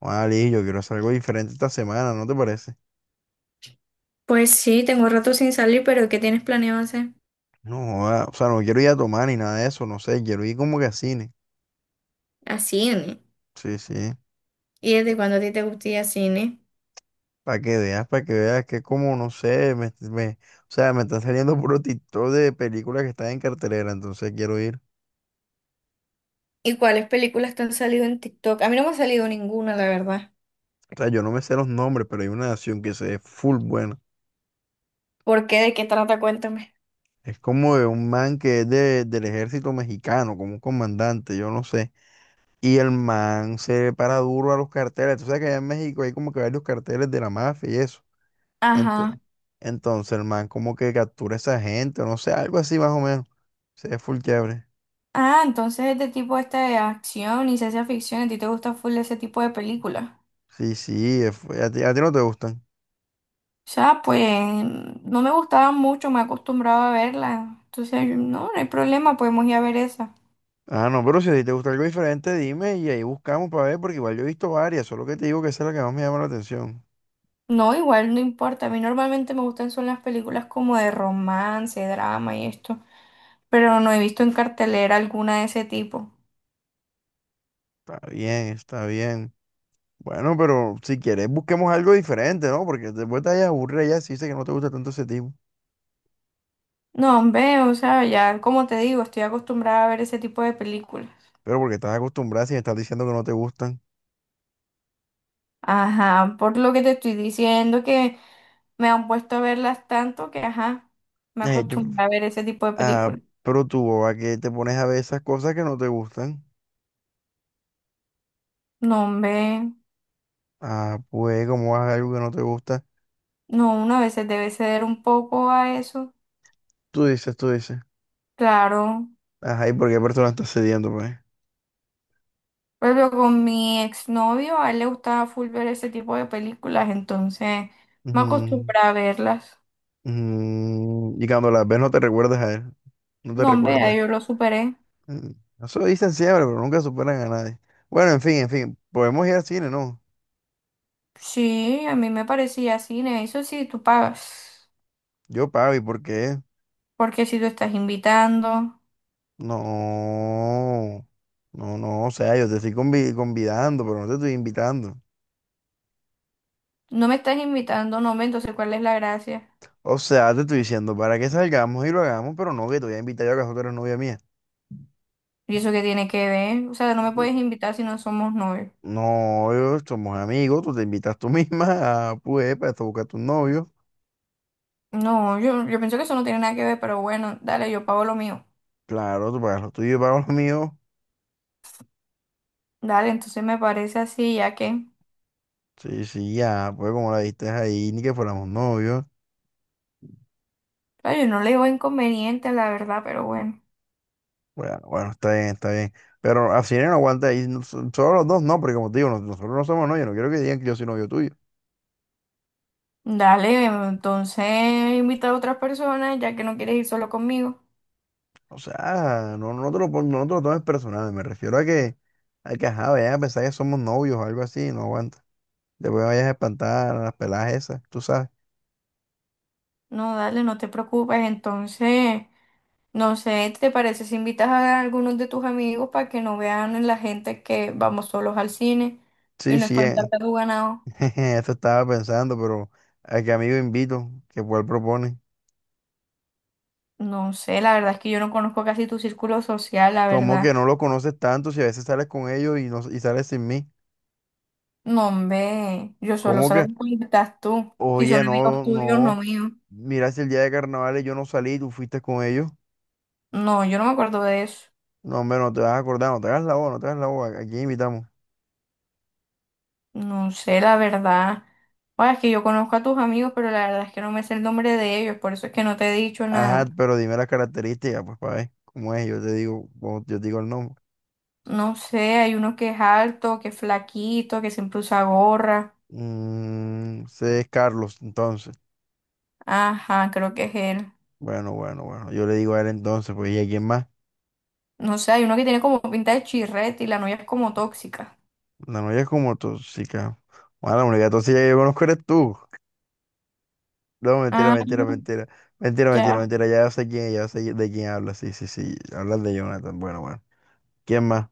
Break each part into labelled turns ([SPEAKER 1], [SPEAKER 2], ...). [SPEAKER 1] Ali, yo quiero hacer algo diferente esta semana, ¿no te parece?
[SPEAKER 2] Pues sí, tengo rato sin salir, pero ¿qué tienes planeado hacer?
[SPEAKER 1] No, joda, o sea, no quiero ir a tomar ni nada de eso, no sé, quiero ir como que a cine.
[SPEAKER 2] A cine.
[SPEAKER 1] Sí, sí.
[SPEAKER 2] ¿Y desde cuándo a ti te gusta ir a cine?
[SPEAKER 1] Para que veas que como, no sé, o sea, me están saliendo puro TikTok de películas que están en cartelera, entonces quiero ir.
[SPEAKER 2] ¿Y cuáles películas te han salido en TikTok? A mí no me ha salido ninguna, la verdad.
[SPEAKER 1] O sea, yo no me sé los nombres, pero hay una nación que se ve full buena.
[SPEAKER 2] ¿Por qué? ¿De qué trata? Cuéntame.
[SPEAKER 1] Es como de un man que es del ejército mexicano, como un comandante, yo no sé. Y el man se para duro a los carteles. Tú sabes que allá en México hay como que varios carteles de la mafia y eso.
[SPEAKER 2] Ajá.
[SPEAKER 1] Entonces, entonces el man como que captura a esa gente, o no sé, algo así más o menos. Se ve full chévere.
[SPEAKER 2] Ah, entonces este tipo este de acción y ciencia ficción, ¿a ti te gusta full ese tipo de películas?
[SPEAKER 1] Sí, sí, es a ti no te gustan.
[SPEAKER 2] O sea, pues no me gustaban mucho, me acostumbraba a verlas. Entonces, no, no hay problema, podemos ir a ver esa.
[SPEAKER 1] Ah, no, pero si a ti te gusta algo diferente, dime y ahí buscamos para ver, porque igual yo he visto varias, solo que te digo que esa es la que más me llama la atención.
[SPEAKER 2] No, igual no importa. A mí normalmente me gustan son las películas como de romance, drama y esto, pero no he visto en cartelera alguna de ese tipo.
[SPEAKER 1] Está bien, está bien. Bueno, pero si quieres busquemos algo diferente, ¿no? Porque después te vayas a aburrir ya si dices que no te gusta tanto ese tipo.
[SPEAKER 2] No, hombre, o sea, ya como te digo, estoy acostumbrada a ver ese tipo de películas.
[SPEAKER 1] Pero porque estás acostumbrada si me estás diciendo que no te gustan.
[SPEAKER 2] Ajá, por lo que te estoy diciendo que me han puesto a verlas tanto que, ajá, me
[SPEAKER 1] Eh, yo-
[SPEAKER 2] acostumbré a ver ese tipo de
[SPEAKER 1] ah,
[SPEAKER 2] películas.
[SPEAKER 1] pero tú, ¿a qué te pones a ver esas cosas que no te gustan?
[SPEAKER 2] No, hombre,
[SPEAKER 1] Ah, pues, como vas a algo que no te gusta?
[SPEAKER 2] no, uno a veces debe ceder un poco a eso.
[SPEAKER 1] Tú dices, tú dices.
[SPEAKER 2] Claro.
[SPEAKER 1] Ajá, ¿y por qué persona estás cediendo, pues?
[SPEAKER 2] Por ejemplo, con mi exnovio, a él le gustaba full ver ese tipo de películas, entonces me
[SPEAKER 1] Ujú,
[SPEAKER 2] acostumbré a verlas.
[SPEAKER 1] ujú. Y cuando las ves no te recuerdas a él, no te
[SPEAKER 2] No, hombre, ya
[SPEAKER 1] recuerdas.
[SPEAKER 2] yo lo superé.
[SPEAKER 1] Mm. Eso dicen siempre, pero nunca superan a nadie. Bueno, en fin, podemos ir al cine, ¿no?
[SPEAKER 2] Sí, a mí me parecía cine, eso sí, tú pagas.
[SPEAKER 1] Yo pago, ¿y por qué?
[SPEAKER 2] Porque si tú estás invitando,
[SPEAKER 1] No, no, no, o sea, yo te estoy convidando, pero no te estoy invitando.
[SPEAKER 2] no me estás invitando, no me, entonces ¿cuál es la gracia?
[SPEAKER 1] O sea, te estoy diciendo para que salgamos y lo hagamos, pero no que te voy a invitar yo, ¿acaso tú eres novia mía?
[SPEAKER 2] ¿Y eso qué tiene que ver? O sea, no me puedes invitar si no somos novios.
[SPEAKER 1] No, yo- Somos amigos, tú te invitas tú misma a Puepa, esto buscar a tu novio.
[SPEAKER 2] No, yo pienso que eso no tiene nada que ver, pero bueno, dale, yo pago lo mío.
[SPEAKER 1] Claro, tú pagas lo tuyo, yo pago lo mío.
[SPEAKER 2] Dale, entonces me parece así, ya que,
[SPEAKER 1] Sí, sí, ya, pues como la diste ahí, ni que fuéramos novios.
[SPEAKER 2] claro, yo no le veo inconveniente, la verdad, pero bueno.
[SPEAKER 1] Bueno, bueno, está bien, está bien. Pero así no aguanta ahí, no solo los dos no, porque como te digo, nosotros no somos novios, no quiero que digan que yo soy novio tuyo.
[SPEAKER 2] Dale, entonces invita a otras personas ya que no quieres ir solo conmigo.
[SPEAKER 1] O sea, no te lo tomes personal, me refiero a que, ajá, vayan a pensar que somos novios o algo así, no aguanta. Después me vayas a espantar a las peladas esas, tú sabes.
[SPEAKER 2] No, dale, no te preocupes. Entonces, no sé, ¿te parece si invitas a algunos de tus amigos para que no vean la gente que vamos solos al cine y
[SPEAKER 1] Sí,
[SPEAKER 2] no
[SPEAKER 1] sí,
[SPEAKER 2] espantarte a tu ganado?
[SPEAKER 1] Eso estaba pensando, pero ¿a qué amigo invito? ¿Qué cuál propone?
[SPEAKER 2] No sé, la verdad es que yo no conozco casi tu círculo social, la
[SPEAKER 1] ¿Cómo
[SPEAKER 2] verdad.
[SPEAKER 1] que no lo conoces tanto si a veces sales con ellos y, no, y sales sin mí?
[SPEAKER 2] No, hombre, yo solo
[SPEAKER 1] ¿Cómo que,
[SPEAKER 2] salgo cuando estás tú. Si
[SPEAKER 1] oye,
[SPEAKER 2] son amigos
[SPEAKER 1] no,
[SPEAKER 2] tuyos, no
[SPEAKER 1] no,
[SPEAKER 2] míos.
[SPEAKER 1] mira si el día de carnavales yo no salí tú fuiste con ellos.
[SPEAKER 2] No, yo no me acuerdo de eso.
[SPEAKER 1] No, hombre, no te vas a acordar, no te hagas la boba, no te hagas la boba, aquí invitamos.
[SPEAKER 2] No sé, la verdad. O es que yo conozco a tus amigos, pero la verdad es que no me sé el nombre de ellos, por eso es que no te he dicho
[SPEAKER 1] Ajá,
[SPEAKER 2] nada.
[SPEAKER 1] pero dime las características, pues para ver cómo es, yo te digo, yo te digo el nombre.
[SPEAKER 2] No sé, hay uno que es alto, que es flaquito, que siempre usa gorra.
[SPEAKER 1] Mm, ese es Carlos, entonces.
[SPEAKER 2] Ajá, creo que es él.
[SPEAKER 1] Bueno, bueno, bueno, yo le digo a él entonces, pues, ¿y a quién más?
[SPEAKER 2] No sé, hay uno que tiene como pinta de chirrete y la novia es como tóxica.
[SPEAKER 1] La novia es como tóxica. Bueno, la única tóxica que yo conozco eres tú. No, mentira,
[SPEAKER 2] Ah,
[SPEAKER 1] mentira, mentira. Mentira, mentira,
[SPEAKER 2] ya.
[SPEAKER 1] mentira. Ya sé quién, ya sé de quién hablas. Sí, sí, sí. Hablas de Jonathan. Bueno, bueno. ¿Quién más?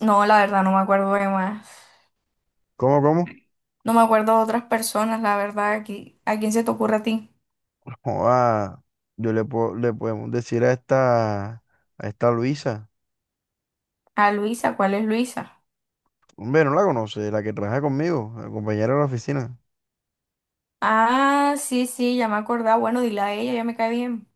[SPEAKER 2] No, la verdad, no me acuerdo de más.
[SPEAKER 1] ¿Cómo, cómo?
[SPEAKER 2] No me acuerdo de otras personas, la verdad. Aquí, ¿a quién se te ocurre a ti?
[SPEAKER 1] Joda, le podemos decir a esta Luisa.
[SPEAKER 2] A Luisa, ¿cuál es Luisa?
[SPEAKER 1] Hombre, no la conoce, la que trabaja conmigo, la compañera de la oficina.
[SPEAKER 2] Ah, sí, sí, ya me acordaba. Bueno, dile a ella, ya me cae bien.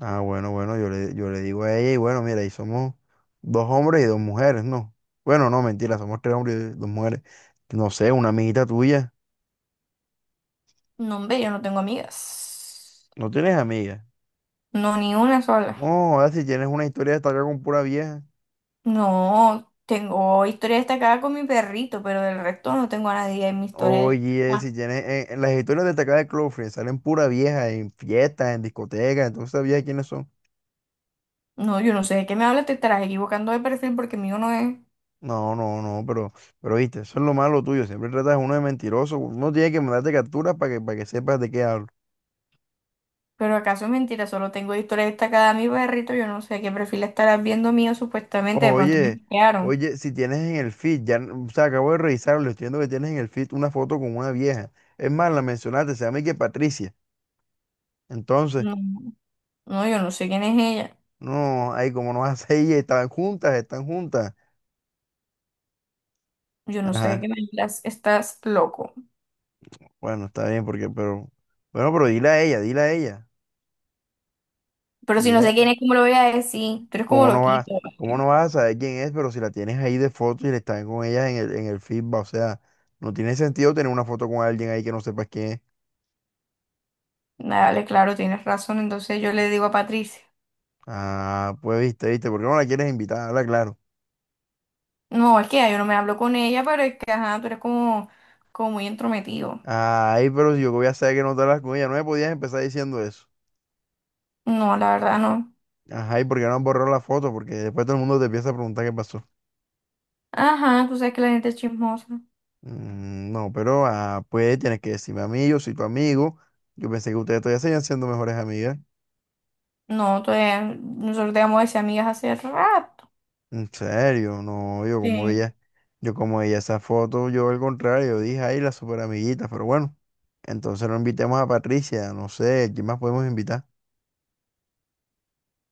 [SPEAKER 1] Ah, bueno, bueno, yo le digo a ella y bueno, mira, ahí somos dos hombres y dos mujeres, ¿no? Bueno, no, mentira, somos tres hombres y dos mujeres. No sé, una amiguita tuya.
[SPEAKER 2] No, hombre, yo no tengo amigas.
[SPEAKER 1] No tienes amigas.
[SPEAKER 2] No, ni una sola.
[SPEAKER 1] No, ahora si tienes una historia destacada con pura vieja.
[SPEAKER 2] No, tengo historia destacada con mi perrito, pero del resto no tengo a nadie en mi historia
[SPEAKER 1] Oye, si
[SPEAKER 2] destacada.
[SPEAKER 1] tienes. En las historias destacadas de Cloudflare salen pura vieja en fiestas, en discotecas, entonces sabías quiénes son.
[SPEAKER 2] No, yo no sé de qué me hablas, te estarás equivocando de perfil porque mío no es.
[SPEAKER 1] No, no, no, pero viste, eso es lo malo tuyo. Siempre tratas a uno de mentiroso. Uno tiene que mandarte capturas para que sepas de qué hablo.
[SPEAKER 2] Pero acaso es mentira, solo tengo historia destacada a mi perrito, yo no sé qué perfil estarás viendo mío supuestamente, de pronto me
[SPEAKER 1] Oye,
[SPEAKER 2] hackearon.
[SPEAKER 1] oye, si tienes en el feed, ya, o sea, acabo de revisarlo, estoy viendo que tienes en el feed una foto con una vieja. Es más, la mencionaste, se llama y que Patricia. Entonces.
[SPEAKER 2] No, no, yo no sé quién es ella.
[SPEAKER 1] No, ay, como no vas a ir, están juntas, están juntas.
[SPEAKER 2] Yo no sé de
[SPEAKER 1] Ajá,
[SPEAKER 2] qué me hablas, estás loco.
[SPEAKER 1] bueno, está bien, porque, pero, bueno, pero dile a ella, dile a ella,
[SPEAKER 2] Pero si no
[SPEAKER 1] dile,
[SPEAKER 2] sé quién
[SPEAKER 1] a-
[SPEAKER 2] es, ¿cómo lo voy a decir? Tú eres como
[SPEAKER 1] ¿Cómo
[SPEAKER 2] loquito.
[SPEAKER 1] cómo no
[SPEAKER 2] ¿Vale?
[SPEAKER 1] vas a saber quién es, pero si la tienes ahí de foto y le están con ella en el feedback, o sea, no tiene sentido tener una foto con alguien ahí que no sepas quién es.
[SPEAKER 2] Dale, claro, tienes razón. Entonces yo le digo a Patricia,
[SPEAKER 1] Ah, pues viste, viste, ¿por qué no la quieres invitar? Habla claro.
[SPEAKER 2] no, es que ya yo no me hablo con ella, pero es que, ajá, tú eres como, como muy entrometido.
[SPEAKER 1] Ay, pero si yo que voy a saber que no te hablas con ella, no me podías empezar diciendo eso.
[SPEAKER 2] No, la verdad no.
[SPEAKER 1] Ajá, ¿y por qué no han borrado la foto? Porque después todo el mundo te empieza a preguntar qué pasó.
[SPEAKER 2] Ajá, tú sabes que la gente es chismosa.
[SPEAKER 1] Mm, no, pero ah, pues tienes que decirme a mí, yo soy tu amigo. Yo pensé que ustedes todavía seguían siendo mejores amigas.
[SPEAKER 2] No, todavía- nosotros dejamos de ser amigas hace rato.
[SPEAKER 1] En serio, no,
[SPEAKER 2] Sí.
[SPEAKER 1] yo como veía esa foto, yo al contrario, yo dije, ay, la super amiguita, pero bueno, entonces no invitemos a Patricia, no sé, ¿quién más podemos invitar?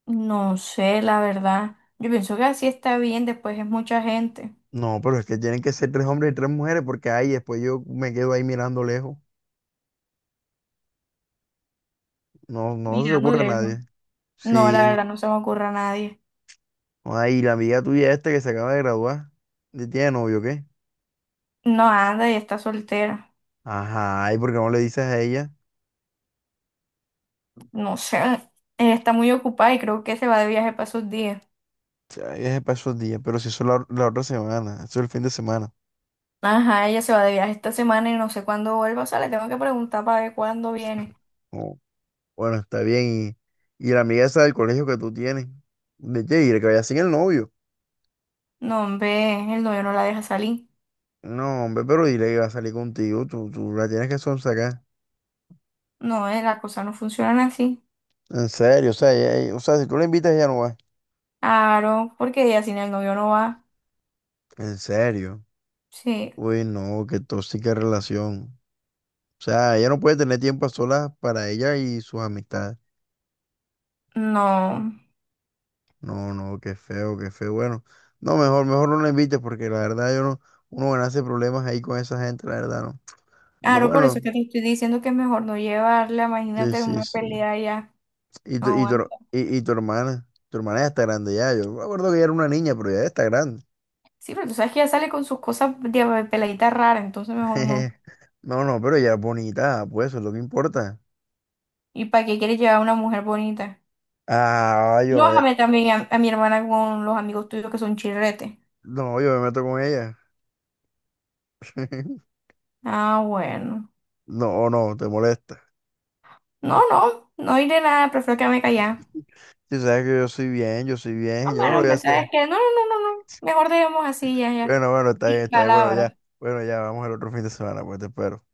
[SPEAKER 2] No sé, la verdad. Yo pienso que así está bien, después es mucha gente.
[SPEAKER 1] No, pero es que tienen que ser tres hombres y tres mujeres, porque ay, después yo me quedo ahí mirando lejos. No, no se le
[SPEAKER 2] Mirando
[SPEAKER 1] ocurre a
[SPEAKER 2] lejos.
[SPEAKER 1] nadie.
[SPEAKER 2] No, la
[SPEAKER 1] Sí,
[SPEAKER 2] verdad no se me ocurre a nadie.
[SPEAKER 1] ay, la amiga tuya esta que se acaba de graduar, ¿ya tiene novio o qué?
[SPEAKER 2] No anda y está soltera.
[SPEAKER 1] Ajá, ¿y por qué no le dices a ella?
[SPEAKER 2] No sé, ella está muy ocupada y creo que se va de viaje para esos días.
[SPEAKER 1] Ya es para esos días, pero si eso es la otra semana, eso es el fin de semana.
[SPEAKER 2] Ajá, ella se va de viaje esta semana y no sé cuándo vuelva. O sea, le tengo que preguntar para ver cuándo viene.
[SPEAKER 1] Oh, bueno, está bien. Y la amiga esa del colegio que tú tienes, de qué, dile que vaya sin el novio.
[SPEAKER 2] No, hombre, el novio no la deja salir.
[SPEAKER 1] No, hombre, pero dile que va a salir contigo, tú la tienes que sonsacar.
[SPEAKER 2] No, las cosas no funcionan así.
[SPEAKER 1] En serio, o sea, o sea, si tú la invitas, ella no va.
[SPEAKER 2] Aro, porque ella sin el novio no va.
[SPEAKER 1] En serio.
[SPEAKER 2] Sí,
[SPEAKER 1] Uy, no, qué tóxica relación. O sea, ella no puede tener tiempo a solas para ella y sus amistades.
[SPEAKER 2] no.
[SPEAKER 1] No, no, qué feo, qué feo. Bueno, no, mejor, mejor no lo invites porque la verdad yo no, uno hace problemas ahí con esa gente, la verdad, no. No,
[SPEAKER 2] Aro, por
[SPEAKER 1] bueno,
[SPEAKER 2] eso es que te estoy diciendo que es mejor no llevarla.
[SPEAKER 1] sí,
[SPEAKER 2] Imagínate
[SPEAKER 1] sí,
[SPEAKER 2] una
[SPEAKER 1] sí.
[SPEAKER 2] pelea ya.
[SPEAKER 1] Y
[SPEAKER 2] No
[SPEAKER 1] tu, y tu,
[SPEAKER 2] aguanta.
[SPEAKER 1] her- y, y tu hermana ya está grande ya. Yo me acuerdo que ella era una niña, pero ya está grande.
[SPEAKER 2] Sí, pero tú sabes que ella sale con sus cosas de peladita rara, entonces mejor no.
[SPEAKER 1] No, no, pero ella es bonita, pues eso es lo que importa.
[SPEAKER 2] ¿Y para qué quieres llevar a una mujer bonita?
[SPEAKER 1] Ah, yo no, voy a-
[SPEAKER 2] Lójame también a mi hermana con los amigos tuyos que son chirretes.
[SPEAKER 1] No, yo me meto con ella.
[SPEAKER 2] Ah, bueno.
[SPEAKER 1] No, no, te molesta.
[SPEAKER 2] No, no, no iré nada, prefiero quedarme callada.
[SPEAKER 1] Si sabes que yo soy bien, yo soy bien,
[SPEAKER 2] No,
[SPEAKER 1] yo no lo
[SPEAKER 2] bueno,
[SPEAKER 1] voy a hacer.
[SPEAKER 2] empezar es que no, no, no, no, no. Mejor dejemos así, ya, ya.
[SPEAKER 1] Bueno, bueno, está
[SPEAKER 2] Sin
[SPEAKER 1] bien, está bien. Bueno, ya.
[SPEAKER 2] palabras.
[SPEAKER 1] Bueno, ya, vamos al otro fin de semana, pues te espero.